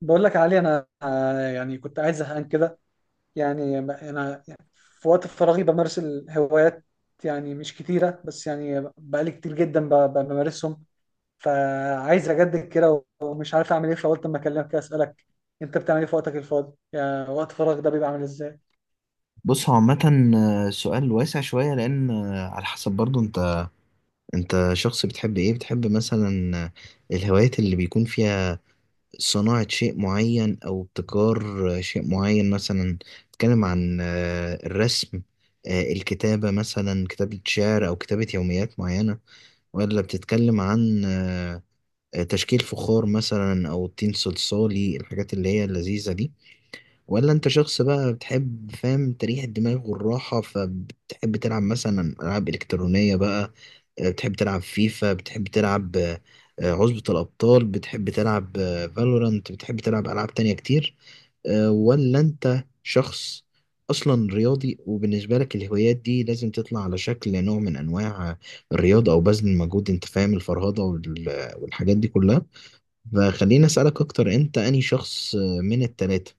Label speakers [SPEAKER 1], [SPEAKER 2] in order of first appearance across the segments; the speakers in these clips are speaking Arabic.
[SPEAKER 1] بقول لك يا علي، انا يعني كنت قاعد زهقان كده. يعني انا في وقت فراغي بمارس الهوايات، يعني مش كتيره، بس يعني بقالي كتير جدا بمارسهم. فعايز اجدد كده ومش عارف اعمل ايه، فقلت اما اكلمك كده اسالك: انت بتعمل ايه في وقتك الفاضي؟ يعني وقت فراغ ده بيبقى عامل ازاي؟
[SPEAKER 2] بص، هو عامة سؤال واسع شوية. لأن على حسب برضو أنت شخص. بتحب إيه؟ بتحب مثلا الهوايات اللي بيكون فيها صناعة شيء معين أو ابتكار شيء معين؟ مثلا بتتكلم عن الرسم، الكتابة، مثلا كتابة شعر أو كتابة يوميات معينة؟ ولا بتتكلم عن تشكيل فخار مثلا أو طين صلصالي، الحاجات اللي هي اللذيذة دي؟ ولا انت شخص بقى بتحب، فاهم، تريح الدماغ والراحة، فبتحب تلعب مثلا ألعاب إلكترونية بقى؟ بتحب تلعب فيفا، بتحب تلعب عصبة الأبطال، بتحب تلعب فالورانت، بتحب تلعب ألعاب تانية كتير؟ ولا انت شخص أصلا رياضي وبالنسبة لك الهوايات دي لازم تطلع على شكل نوع من أنواع الرياضة أو بذل المجهود؟ أنت فاهم، الفرهدة والحاجات دي كلها. فخليني أسألك أكتر، أنت أنهي شخص من التلاتة؟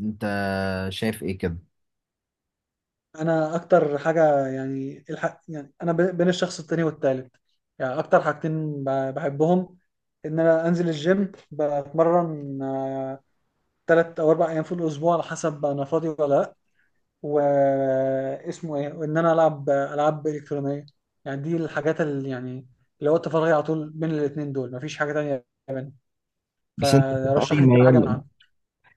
[SPEAKER 2] انت شايف ايه كده؟
[SPEAKER 1] انا اكتر حاجه يعني الحق، يعني انا بين الشخص التاني والتالت. يعني اكتر حاجتين بحبهم: ان انا انزل الجيم بتمرن 3 او 4 ايام في الاسبوع، على حسب انا فاضي ولا لا، واسمه ايه، وان انا العب العاب الكترونيه. يعني دي الحاجات اللي يعني اللي وقت فراغي على طول بين الاثنين دول، مفيش حاجه تانية بين.
[SPEAKER 2] بس انت بتبقى اي
[SPEAKER 1] فرشح لي كده حاجه
[SPEAKER 2] ميال؟
[SPEAKER 1] من
[SPEAKER 2] لأ.
[SPEAKER 1] عندك.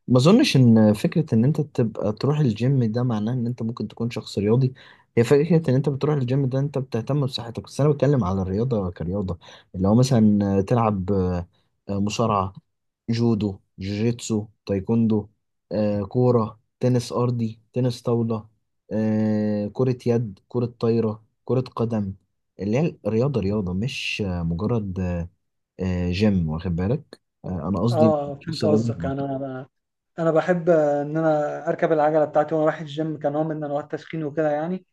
[SPEAKER 2] ما اظنش ان فكره ان انت تبقى تروح الجيم ده معناه ان انت ممكن تكون شخص رياضي. هي فكره ان انت بتروح الجيم ده انت بتهتم بصحتك، بس انا بتكلم على الرياضه كرياضه، اللي هو مثلا تلعب مصارعه، جودو، جوجيتسو، تايكوندو، كوره، تنس ارضي، تنس طاوله، كره يد، كره طايره، كره قدم. اللي هي الرياضه رياضه، مش مجرد جيم، واخد بالك؟ انا قصدي
[SPEAKER 1] اه،
[SPEAKER 2] شخص
[SPEAKER 1] فهمت
[SPEAKER 2] رياضي.
[SPEAKER 1] قصدك. يعني انا بحب ان انا اركب العجله بتاعتي وانا رايح الجيم كنوع من انواع التسخين وكده يعني.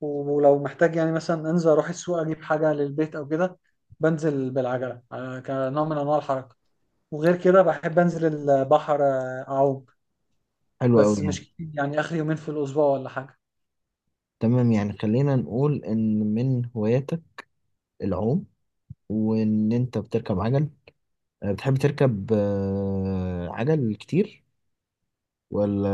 [SPEAKER 1] ولو محتاج يعني مثلا انزل اروح السوق اجيب حاجه للبيت او كده، بنزل بالعجله كنوع من انواع الحركه. وغير كده بحب انزل البحر اعوم،
[SPEAKER 2] حلو قوي،
[SPEAKER 1] بس مش
[SPEAKER 2] يعني
[SPEAKER 1] كتير، يعني اخر يومين في الاسبوع ولا حاجه.
[SPEAKER 2] تمام. يعني خلينا نقول ان من هواياتك العوم، وان انت بتركب عجل. بتحب تركب عجل كتير، ولا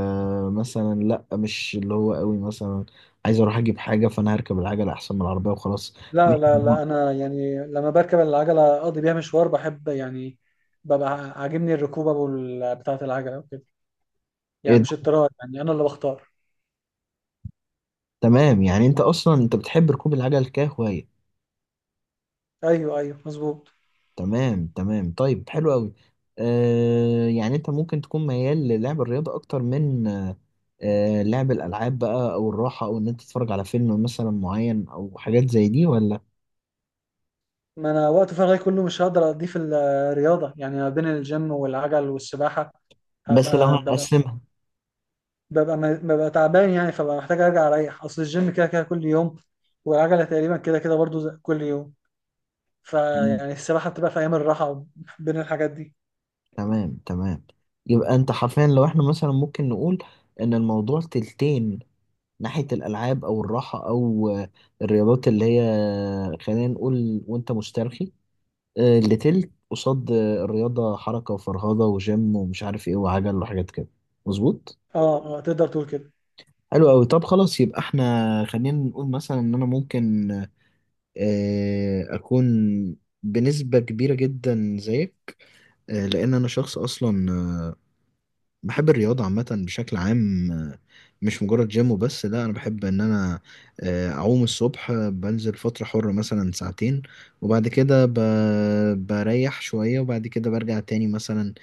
[SPEAKER 2] مثلا لا، مش اللي هو قوي، مثلا عايز اروح اجيب حاجه فانا هركب العجل احسن من العربيه وخلاص؟
[SPEAKER 1] لا،
[SPEAKER 2] مش-
[SPEAKER 1] لا، لا، انا يعني لما بركب العجله اقضي بيها مشوار بحب يعني. ببقى عاجبني الركوبه بتاعه العجله وكده.
[SPEAKER 2] ايه
[SPEAKER 1] يعني
[SPEAKER 2] ده؟
[SPEAKER 1] مش اضطرار، يعني انا اللي بختار.
[SPEAKER 2] تمام، يعني انت اصلا انت بتحب ركوب العجل كهوايه.
[SPEAKER 1] ايوه، ايوه، مظبوط.
[SPEAKER 2] تمام تمام، طيب حلو قوي. آه، يعني انت ممكن تكون ميال للعب الرياضة اكتر من لعب الالعاب بقى، او الراحة، او ان انت تتفرج على فيلم مثلا معين، او حاجات زي دي، ولا؟
[SPEAKER 1] ما انا وقت فراغي كله مش هقدر اقضيه في الرياضه، يعني ما بين الجيم والعجل والسباحه.
[SPEAKER 2] بس لو
[SPEAKER 1] هبقى ببقى
[SPEAKER 2] هنقسمها.
[SPEAKER 1] ببقى ببقى تعبان، يعني فببقى محتاج ارجع اريح، اصل الجيم كده كده كل يوم، والعجله تقريبا كده كده برضو كل يوم.
[SPEAKER 2] مم.
[SPEAKER 1] فيعني السباحة بتبقى في أيام الراحة بين الحاجات دي.
[SPEAKER 2] تمام تمام. يبقى انت حرفيا، لو احنا مثلا ممكن نقول ان الموضوع تلتين ناحية الالعاب او الراحة او الرياضات اللي هي خلينا نقول وانت مسترخي، اللي تلت قصاد الرياضة، حركة وفرهضة وجيم ومش عارف ايه وعجل وحاجات كده. مظبوط؟
[SPEAKER 1] اه، اه، تقدر تقول كده.
[SPEAKER 2] حلو قوي. طب خلاص، يبقى احنا خلينا نقول مثلا ان انا ممكن اكون بنسبة كبيرة جدا زيك، لان انا شخص اصلا بحب الرياضة عامة بشكل عام. مش مجرد جيم وبس، لا، أنا بحب إن أنا أعوم الصبح، بنزل فترة حرة مثلا ساعتين، وبعد كده بريح شوية، وبعد كده برجع تاني مثلا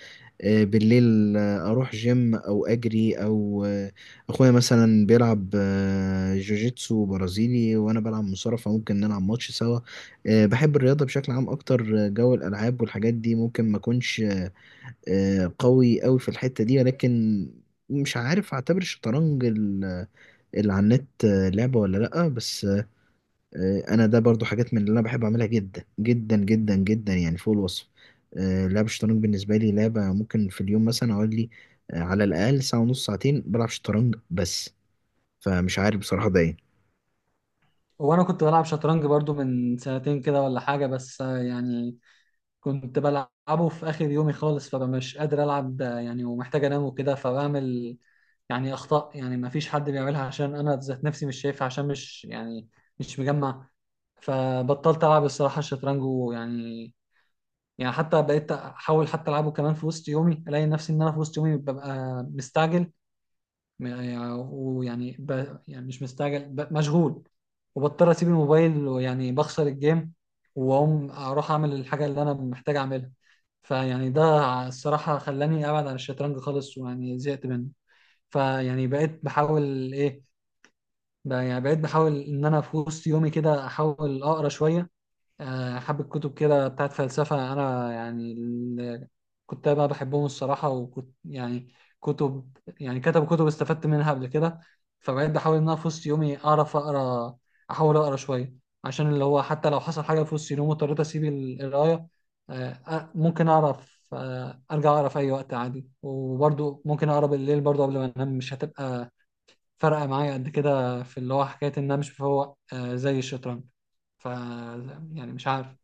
[SPEAKER 2] بالليل، أروح جيم أو أجري أو أخويا مثلا بيلعب جوجيتسو برازيلي وأنا بلعب مصارعة فممكن نلعب ماتش سوا. بحب الرياضة بشكل عام أكتر، جو الألعاب والحاجات دي ممكن ما أكونش قوي قوي في الحتة دي. ولكن، مش عارف اعتبر الشطرنج اللي على النت لعبة ولا لأ، بس انا ده برضو حاجات من اللي انا بحب اعملها جدا جدا جدا جدا، يعني فوق الوصف. لعب الشطرنج بالنسبة لي لعبة ممكن في اليوم مثلا اقول لي على الأقل ساعة ونص، ساعتين بلعب شطرنج بس. فمش عارف بصراحة ده ايه.
[SPEAKER 1] وانا كنت بلعب شطرنج برضو من سنتين كده ولا حاجة، بس يعني كنت بلعبه في اخر يومي خالص، فبقى مش قادر العب يعني ومحتاج انام وكده، فبعمل يعني اخطاء يعني ما فيش حد بيعملها، عشان انا ذات نفسي مش شايفها، عشان مش يعني مش مجمع. فبطلت العب الصراحة الشطرنج. يعني حتى بقيت احاول حتى العبه كمان في وسط يومي، الاقي نفسي ان انا في وسط يومي ببقى مستعجل، م- يعني- ويعني ب... يعني مش مستعجل، مشغول، وبضطر اسيب الموبايل، ويعني بخسر الجيم، واقوم اروح اعمل الحاجه اللي انا محتاج اعملها. فيعني ده الصراحه خلاني ابعد عن الشطرنج خالص، ويعني زهقت منه. فيعني بقيت بحاول ايه؟ يعني بقيت بحاول ان انا في وسط يومي كده احاول اقرا شويه، حبة كتب كده بتاعت فلسفة. أنا يعني كنت بقى بحبهم الصراحة، وكنت يعني كتب، يعني كتب كتب استفدت منها قبل كده. فبقيت بحاول إن أنا في وسط يومي أعرف أقرأ، أحاول أقرأ شوية، عشان اللي هو حتى لو حصل حاجة في وسط يومي واضطريت أسيب القراية، ممكن أعرف أرجع أقرأ في أي وقت عادي. وبرضه ممكن أقرأ بالليل برضه قبل ما أنام، مش هتبقى فارقة معايا قد كده في اللي هو حكاية إن أنا مش بفوق زي الشطرنج. ف، يعني مش عارف.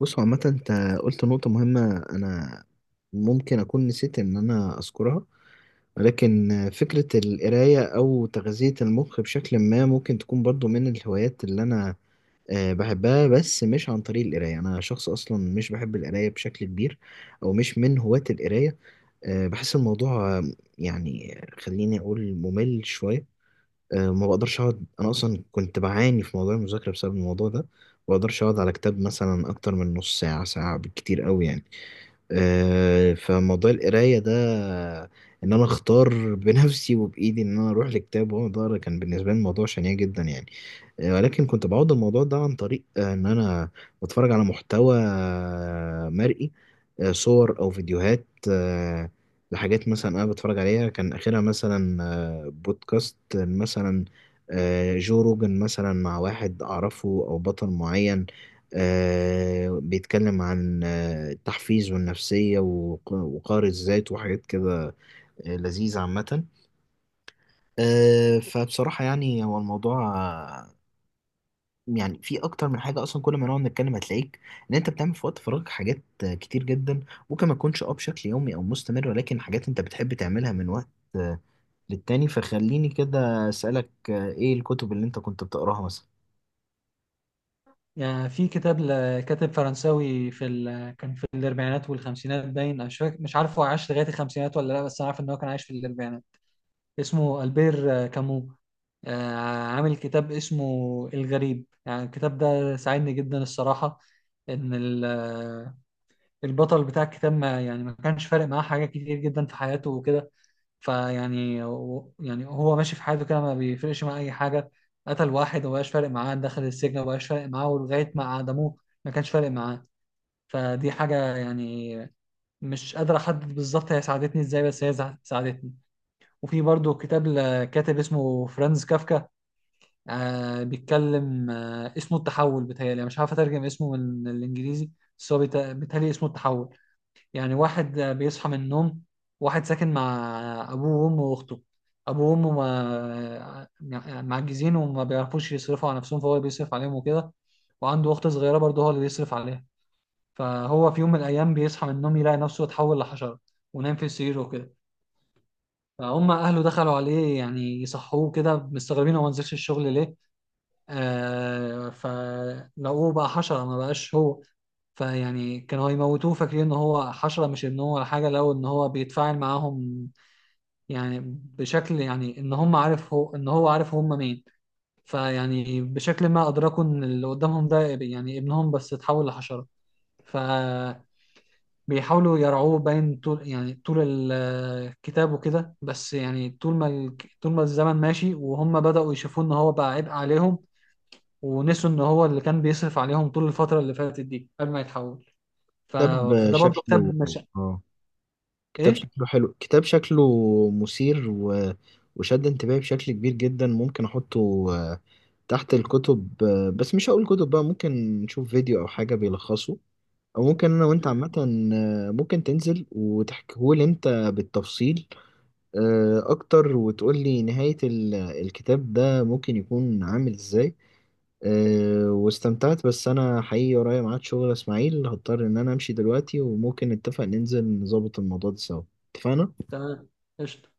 [SPEAKER 2] بص هو عامة، انت قلت نقطة مهمة انا ممكن اكون نسيت ان انا اذكرها، ولكن فكرة القراية أو تغذية المخ بشكل ما ممكن تكون برضو من الهوايات اللي أنا بحبها، بس مش عن طريق القراية. أنا شخص أصلا مش بحب القراية بشكل كبير، أو مش من هواة القراية. بحس الموضوع يعني، خليني أقول، ممل شوية. ما بقدرش أقعد، أنا أصلا كنت بعاني في موضوع المذاكرة بسبب الموضوع ده، ما بقدرش أقعد على كتاب مثلا أكتر من نص ساعة، ساعة بالكتير أوي يعني. فموضوع القراية ده، إن أنا أختار بنفسي وبإيدي إن أنا أروح لكتاب وأقعد أقرا، كان بالنسبة لي الموضوع شنيع جدا يعني. ولكن كنت بعوض الموضوع ده عن طريق إن أنا بتفرج على محتوى مرئي، صور أو فيديوهات آه، لحاجات مثلا أنا بتفرج عليها، كان آخرها مثلا بودكاست مثلا جو روجن مثلا مع واحد أعرفه أو بطل معين بيتكلم عن التحفيز والنفسية وقار الذات وحاجات كده لذيذة عامة. فبصراحة يعني هو الموضوع يعني في أكتر من حاجة أصلا، كل ما نقعد نتكلم هتلاقيك إن أنت بتعمل في وقت فراغك حاجات كتير جدا، ممكن ما تكونش أه بشكل يومي أو مستمر، ولكن حاجات أنت بتحب تعملها من وقت آه، للتاني. فخليني كده أسألك إيه الكتب اللي أنت كنت بتقراها مثلا؟
[SPEAKER 1] يعني في كتاب لكاتب فرنساوي كان في الاربعينات والخمسينات باين. أنا مش فاكر، مش عارف هو عاش لغايه الخمسينات ولا لا، بس انا عارف ان هو كان عايش في الاربعينات. اسمه البير كامو، آه، عامل كتاب اسمه الغريب. يعني الكتاب ده ساعدني جدا الصراحه، ان البطل بتاع الكتاب ما يعني ما كانش فارق معاه حاجه كتير جدا في حياته وكده. فيعني يعني هو ماشي في حياته كده، ما بيفرقش معاه اي حاجه. قتل واحد ومبقاش فارق معاه، دخل السجن ومبقاش فارق معاه، ولغايه ما عدموه ما كانش فارق معاه. فدي حاجه يعني مش قادر احدد بالظبط هي ساعدتني ازاي، بس هي ساعدتني. وفي برضو كتاب لكاتب اسمه فرانز كافكا. بيتكلم، اسمه التحول. بتهيألي أنا مش عارف اترجم اسمه من الانجليزي، بس هو بيتهيألي اسمه التحول. يعني واحد بيصحى من النوم، واحد ساكن مع أبوه وأمه وأخته. أبوه وأمه معجزين وما بيعرفوش يصرفوا على نفسهم، فهو بيصرف عليهم وكده. وعنده أخت صغيرة برضه هو اللي بيصرف عليها. فهو في يوم من الأيام بيصحى من النوم يلاقي نفسه اتحول لحشرة، ونام في سريره وكده. فهم أهله دخلوا عليه يعني يصحوه كده مستغربين هو ما نزلش الشغل ليه. فلقوه بقى حشرة، ما بقاش هو. فيعني كانوا هيموتوه فاكرين ان هو حشرة مش ابنه ولا حاجة، لو ان هو بيتفاعل معاهم يعني بشكل، يعني ان هم عارف، هو ان هو عارف هم مين. فيعني بشكل ما ادركوا ان اللي قدامهم ده يعني ابنهم بس اتحول لحشرة. فبيحاولوا يرعوه باين طول، يعني طول الكتاب وكده. بس يعني طول ما الزمن ماشي وهم بدأوا يشوفوا ان هو بقى عبء عليهم، ونسوا ان هو اللي كان بيصرف عليهم طول الفترة اللي فاتت دي قبل ما يتحول.
[SPEAKER 2] كتاب
[SPEAKER 1] فده برضو كتاب
[SPEAKER 2] شكله،
[SPEAKER 1] مش
[SPEAKER 2] آه، كتاب
[SPEAKER 1] ايه.
[SPEAKER 2] شكله حلو كتاب شكله مثير و، وشد انتباهي بشكل كبير جدا. ممكن احطه تحت الكتب، بس مش هقول كتب بقى، ممكن نشوف فيديو او حاجة بيلخصه، او ممكن انا وانت
[SPEAKER 1] مم.
[SPEAKER 2] عامة ممكن تنزل وتحكيهولي انت بالتفصيل اكتر، وتقولي نهاية الكتاب ده ممكن يكون عامل ازاي. واستمتعت، بس انا حقيقي ورايا ميعاد شغل يا اسماعيل، هضطر ان انا امشي دلوقتي، وممكن نتفق ننزل نظبط الموضوع ده سوا. اتفقنا؟
[SPEAKER 1] تمام. قشطة.